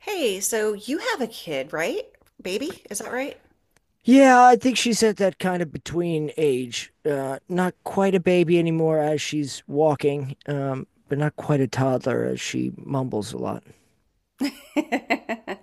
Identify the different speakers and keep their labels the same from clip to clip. Speaker 1: Hey, so you have a kid, right? Baby, is that right?
Speaker 2: Yeah, I think she's at that kind of between age. Not quite a baby anymore as she's walking, but not quite a toddler as she mumbles a lot.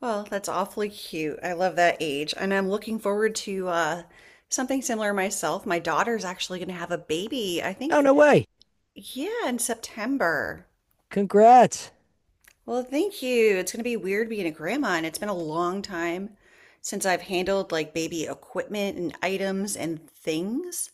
Speaker 1: Well, that's awfully cute. I love that age, and I'm looking forward to something similar myself. My daughter's actually going to have a baby, I
Speaker 2: Oh,
Speaker 1: think,
Speaker 2: no way.
Speaker 1: yeah, in September.
Speaker 2: Congrats.
Speaker 1: Well, thank you. It's going to be weird being a grandma, and it's been a long time since I've handled like baby equipment and items and things.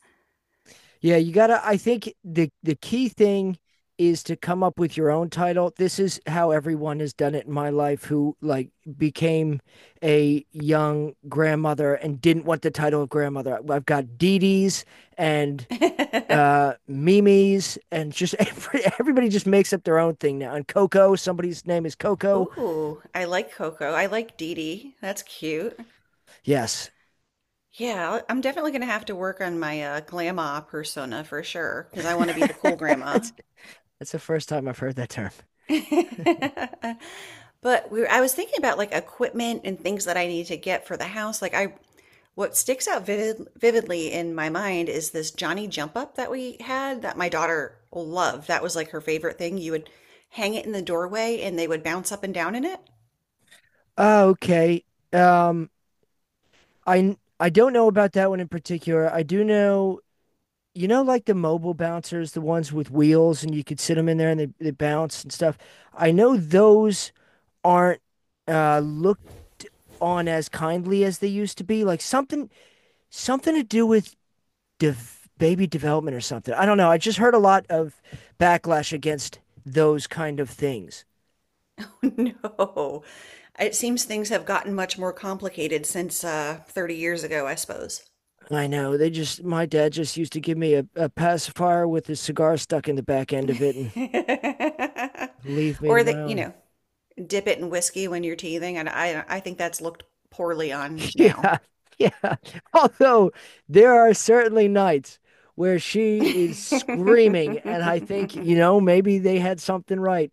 Speaker 2: Yeah, you gotta, I think the key thing is to come up with your own title. This is how everyone has done it in my life who like became a young grandmother and didn't want the title of grandmother. I've got Dee Dee's and Mimi's and just everybody just makes up their own thing now. And Coco, somebody's name is Coco.
Speaker 1: Ooh, I like Coco. I like Dee Dee. That's cute.
Speaker 2: Yes.
Speaker 1: Yeah, I'm definitely gonna have to work on my grandma persona for sure because I want to be the cool grandma.
Speaker 2: that's that's the first time I've heard that term.
Speaker 1: But I was thinking about like equipment and things that I need to get for the house. What sticks out vividly in my mind is this Johnny jump up that we had that my daughter loved. That was like her favorite thing. You would hang it in the doorway and they would bounce up and down in it.
Speaker 2: Oh, okay. Um I don't know about that one in particular. I do know you know like the mobile bouncers, the ones with wheels and you could sit them in there and they bounce and stuff. I know those aren't looked on as kindly as they used to be. Like something to do with baby development or something. I don't know. I just heard a lot of backlash against those kind of things.
Speaker 1: No, it seems things have gotten much more complicated since 30 years ago, I suppose.
Speaker 2: I know. My dad just used to give me a pacifier with his cigar stuck in the back end of it and leave me to
Speaker 1: Or
Speaker 2: my
Speaker 1: that, you
Speaker 2: own.
Speaker 1: know, dip it in whiskey when you're teething, and I think that's looked poorly on now.
Speaker 2: Yeah. Yeah. Although there are certainly nights where she is screaming, and I think, you know, maybe they had something right.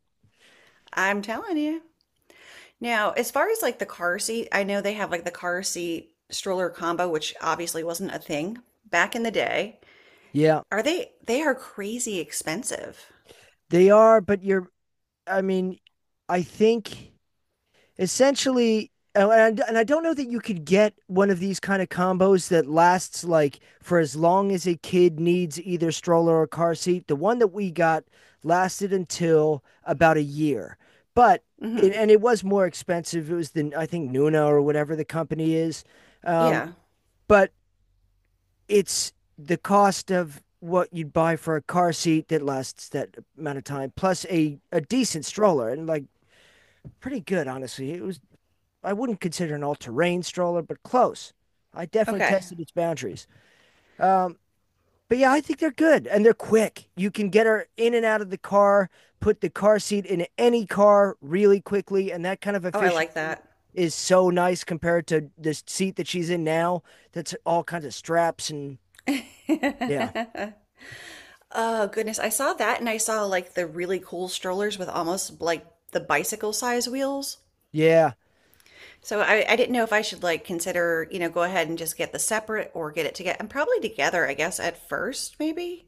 Speaker 1: I'm telling you. Now, as far as like the car seat, I know they have like the car seat stroller combo, which obviously wasn't a thing back in the day.
Speaker 2: Yeah,
Speaker 1: Are they are crazy expensive.
Speaker 2: they are, but I mean, I think essentially and I don't know that you could get one of these kind of combos that lasts like for as long as a kid needs either stroller or car seat. The one that we got lasted until about a year, but
Speaker 1: hmm
Speaker 2: and it was more expensive. It was the I think Nuna or whatever the company is, um,
Speaker 1: Yeah.
Speaker 2: but it's the cost of what you'd buy for a car seat that lasts that amount of time plus a decent stroller and like pretty good honestly. It was I wouldn't consider an all-terrain stroller, but close. I definitely
Speaker 1: Okay.
Speaker 2: tested its boundaries. Um, but yeah, I think they're good and they're quick. You can get her in and out of the car, put the car seat in any car really quickly, and that kind of
Speaker 1: Oh, I like
Speaker 2: efficiency
Speaker 1: that.
Speaker 2: is so nice compared to this seat that she's in now. That's all kinds of straps and yeah,
Speaker 1: Oh goodness, I saw that and I saw like the really cool strollers with almost like the bicycle size wheels.
Speaker 2: yeah.
Speaker 1: So I didn't know if I should like consider, you know, go ahead and just get the separate or get it together. And probably together, I guess, at first, maybe.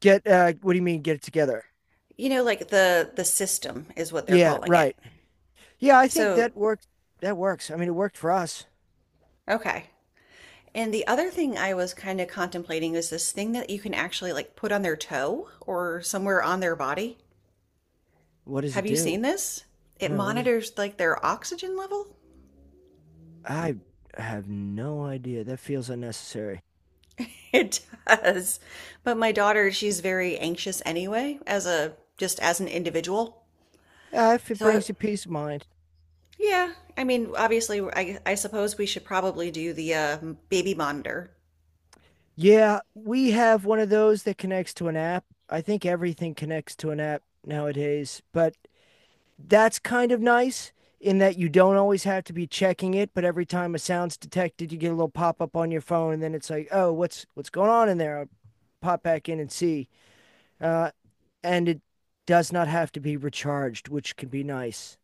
Speaker 2: Get what do you mean? Get it together?
Speaker 1: You know, like the system is what they're
Speaker 2: Yeah,
Speaker 1: calling it.
Speaker 2: right. Yeah, I think
Speaker 1: So,
Speaker 2: that worked. That works. I mean, it worked for us.
Speaker 1: okay. And the other thing I was kind of contemplating is this thing that you can actually like put on their toe or somewhere on their body.
Speaker 2: What does it
Speaker 1: Have you
Speaker 2: do?
Speaker 1: seen this? It
Speaker 2: No, what does it?
Speaker 1: monitors like their oxygen level.
Speaker 2: I have no idea. That feels unnecessary.
Speaker 1: It does. But my daughter, she's very anxious anyway, as a just as an individual.
Speaker 2: Ah, if it
Speaker 1: So
Speaker 2: brings you peace of mind.
Speaker 1: yeah, I mean, obviously, I suppose we should probably do the baby monitor.
Speaker 2: Yeah, we have one of those that connects to an app. I think everything connects to an app nowadays, but that's kind of nice in that you don't always have to be checking it, but every time a sound's detected, you get a little pop-up on your phone, and then it's like, "Oh, what's going on in there?" I'll pop back in and see. Uh, and it does not have to be recharged, which can be nice.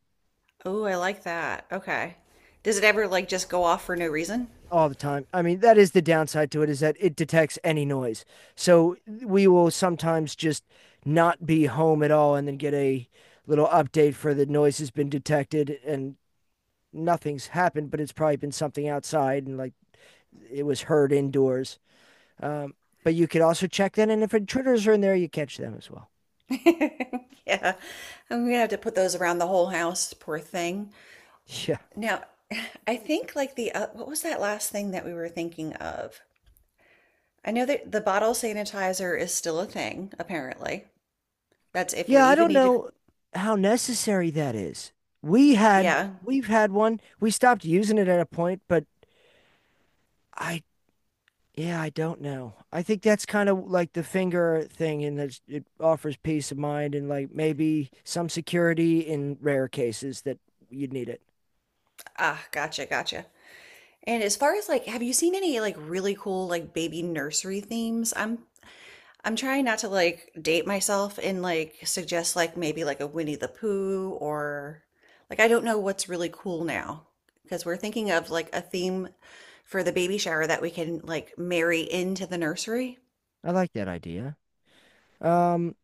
Speaker 1: Oh, I like that. Okay. Does it ever like just go off for no reason?
Speaker 2: All the time. I mean, that is the downside to it is that it detects any noise. So we will sometimes just not be home at all and then get a little update for the noise has been detected and nothing's happened, but it's probably been something outside and like it was heard indoors. Um, but you could also check that. And if intruders are in there, you catch them as well.
Speaker 1: Yeah. I'm gonna have to put those around the whole house, poor thing.
Speaker 2: Yeah.
Speaker 1: Now, I think like the what was that last thing that we were thinking of? I know that the bottle sanitizer is still a thing, apparently. That's if we
Speaker 2: Yeah. I
Speaker 1: even
Speaker 2: don't
Speaker 1: need to.
Speaker 2: know how necessary that is.
Speaker 1: Yeah.
Speaker 2: We've had one, we stopped using it at a point, but I yeah, I don't know. I think that's kind of like the finger thing, and that it offers peace of mind and like maybe some security in rare cases that you'd need it.
Speaker 1: Ah, gotcha, gotcha. And as far as like, have you seen any like really cool like baby nursery themes? I'm trying not to like date myself and like suggest like maybe like a Winnie the Pooh or like I don't know what's really cool now because we're thinking of like a theme for the baby shower that we can like marry into the nursery.
Speaker 2: I like that idea. Um,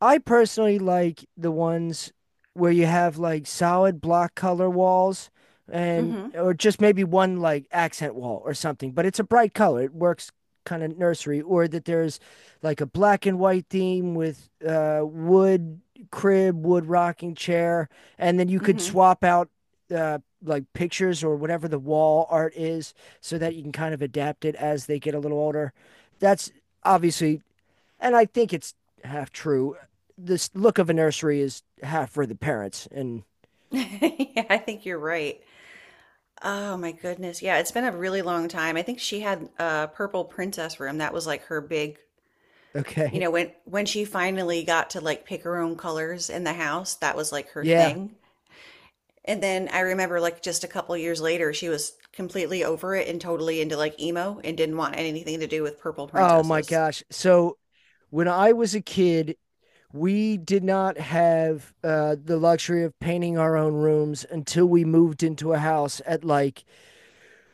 Speaker 2: I personally like the ones where you have like solid block color walls and
Speaker 1: Mm-hmm.
Speaker 2: or just maybe one like accent wall or something, but it's a bright color. It works kind of nursery or that there's like a black and white theme with wood crib, wood rocking chair, and then you could
Speaker 1: Mm-hmm.
Speaker 2: swap out like pictures or whatever the wall art is so that you can kind of adapt it as they get a little older. That's obviously and I think it's half true. This look of a nursery is half for the parents. And
Speaker 1: Yeah, I think you're right. Oh my goodness. Yeah, it's been a really long time. I think she had a purple princess room. That was like her big, you
Speaker 2: okay.
Speaker 1: know, when she finally got to like pick her own colors in the house, that was like her
Speaker 2: Yeah.
Speaker 1: thing. And then I remember like just a couple years later, she was completely over it and totally into like emo and didn't want anything to do with purple
Speaker 2: Oh my
Speaker 1: princesses.
Speaker 2: gosh. So when I was a kid, we did not have the luxury of painting our own rooms until we moved into a house at like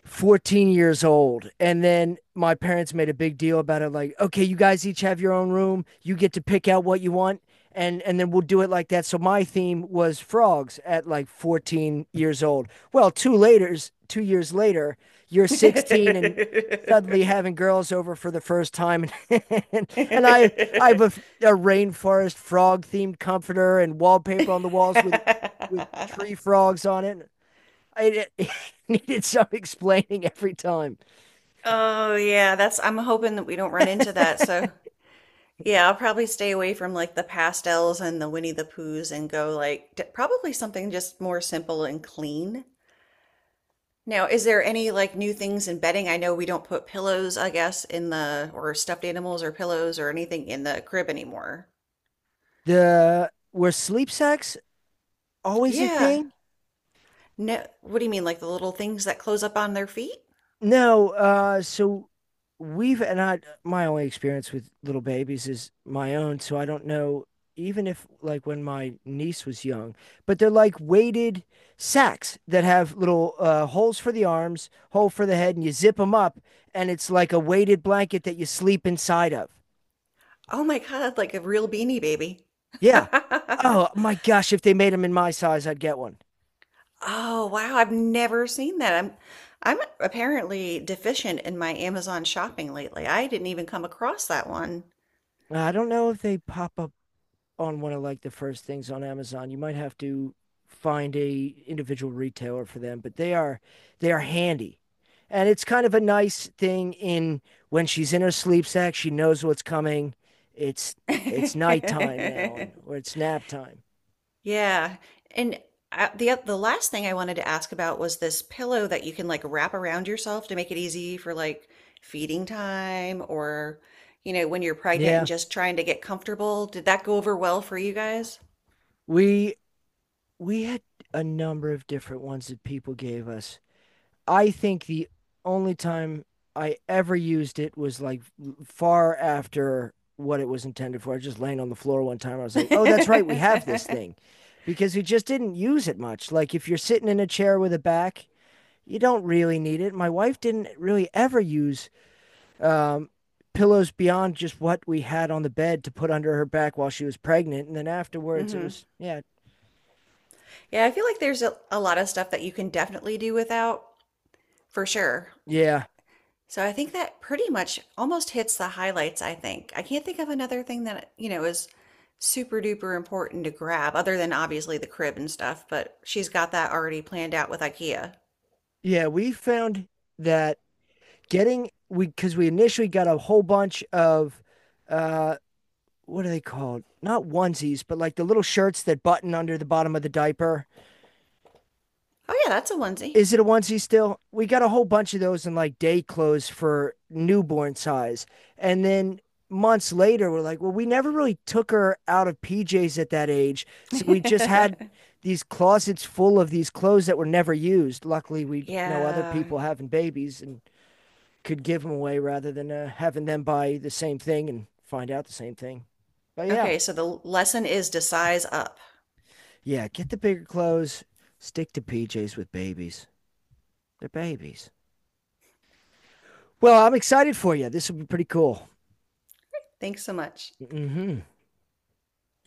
Speaker 2: 14 years old. And then my parents made a big deal about it like, okay, you guys each have your own room. You get to pick out what you want. And then we'll do it like that. So my theme was frogs at like 14 years old. Well, two later, 2 years later, you're 16 and suddenly having girls over for the first time. and, and I, I have a rainforest frog themed comforter and wallpaper on the walls with tree frogs on it. I needed some explaining every time.
Speaker 1: Oh yeah, that's I'm hoping that we don't run into that. So yeah, I'll probably stay away from like the pastels and the Winnie the Poohs and go like d probably something just more simple and clean. Now, is there any like new things in bedding? I know we don't put pillows, I guess, in the or stuffed animals or pillows or anything in the crib anymore.
Speaker 2: The were sleep sacks always a
Speaker 1: Yeah.
Speaker 2: thing?
Speaker 1: No, what do you mean, like the little things that close up on their feet?
Speaker 2: No. So we've and I my only experience with little babies is my own, so I don't know. Even if like when my niece was young, but they're like weighted sacks that have little holes for the arms, hole for the head, and you zip them up, and it's like a weighted blanket that you sleep inside of.
Speaker 1: Oh my God, like a real beanie baby.
Speaker 2: Yeah. Oh my gosh, if they made them in my size, I'd get one.
Speaker 1: Oh wow, I've never seen that. I'm apparently deficient in my Amazon shopping lately. I didn't even come across that one.
Speaker 2: I don't know if they pop up on one of like the first things on Amazon. You might have to find a individual retailer for them, but they are handy. And it's kind of a nice thing in when she's in her sleep sack, she knows what's coming. It's it's nighttime now and or it's nap time.
Speaker 1: Yeah. And the last thing I wanted to ask about was this pillow that you can like wrap around yourself to make it easy for like feeding time or, you know, when you're pregnant
Speaker 2: Yeah.
Speaker 1: and just trying to get comfortable. Did that go over well for you guys?
Speaker 2: We we had a number of different ones that people gave us. I think the only time I ever used it was like far after what it was intended for. I was just laying on the floor one time. I was like, oh, that's right. We have this
Speaker 1: hmm
Speaker 2: thing because we just didn't use it much. Like if you're sitting in a chair with a back, you don't really need it. My wife didn't really ever use um, pillows beyond just what we had on the bed to put under her back while she was pregnant. And then afterwards, it was, yeah,
Speaker 1: Yeah, I feel like there's a lot of stuff that you can definitely do without, for sure.
Speaker 2: yeah,
Speaker 1: So I think that pretty much almost hits the highlights, I think. I can't think of another thing that, you know, is super duper important to grab, other than obviously the crib and stuff, but she's got that already planned out with IKEA.
Speaker 2: yeah. We found that getting we because we initially got a whole bunch of uh what are they called? Not onesies, but like the little shirts that button under the bottom of the diaper.
Speaker 1: Oh, yeah, that's a onesie.
Speaker 2: Is it a onesie still? We got a whole bunch of those in like day clothes for newborn size. And then months later, we're like, well, we never really took her out of PJs at that age. So we just had these closets full of these clothes that were never used. Luckily, we know other
Speaker 1: Yeah.
Speaker 2: people having babies and could give them away rather than having them buy the same thing and find out the same thing. But yeah,
Speaker 1: Okay, so the lesson is to size up.
Speaker 2: yeah, get the bigger clothes. Stick to PJs with babies. They're babies. Well, I'm excited for you. This will be pretty cool.
Speaker 1: Thanks so much.
Speaker 2: Hmm.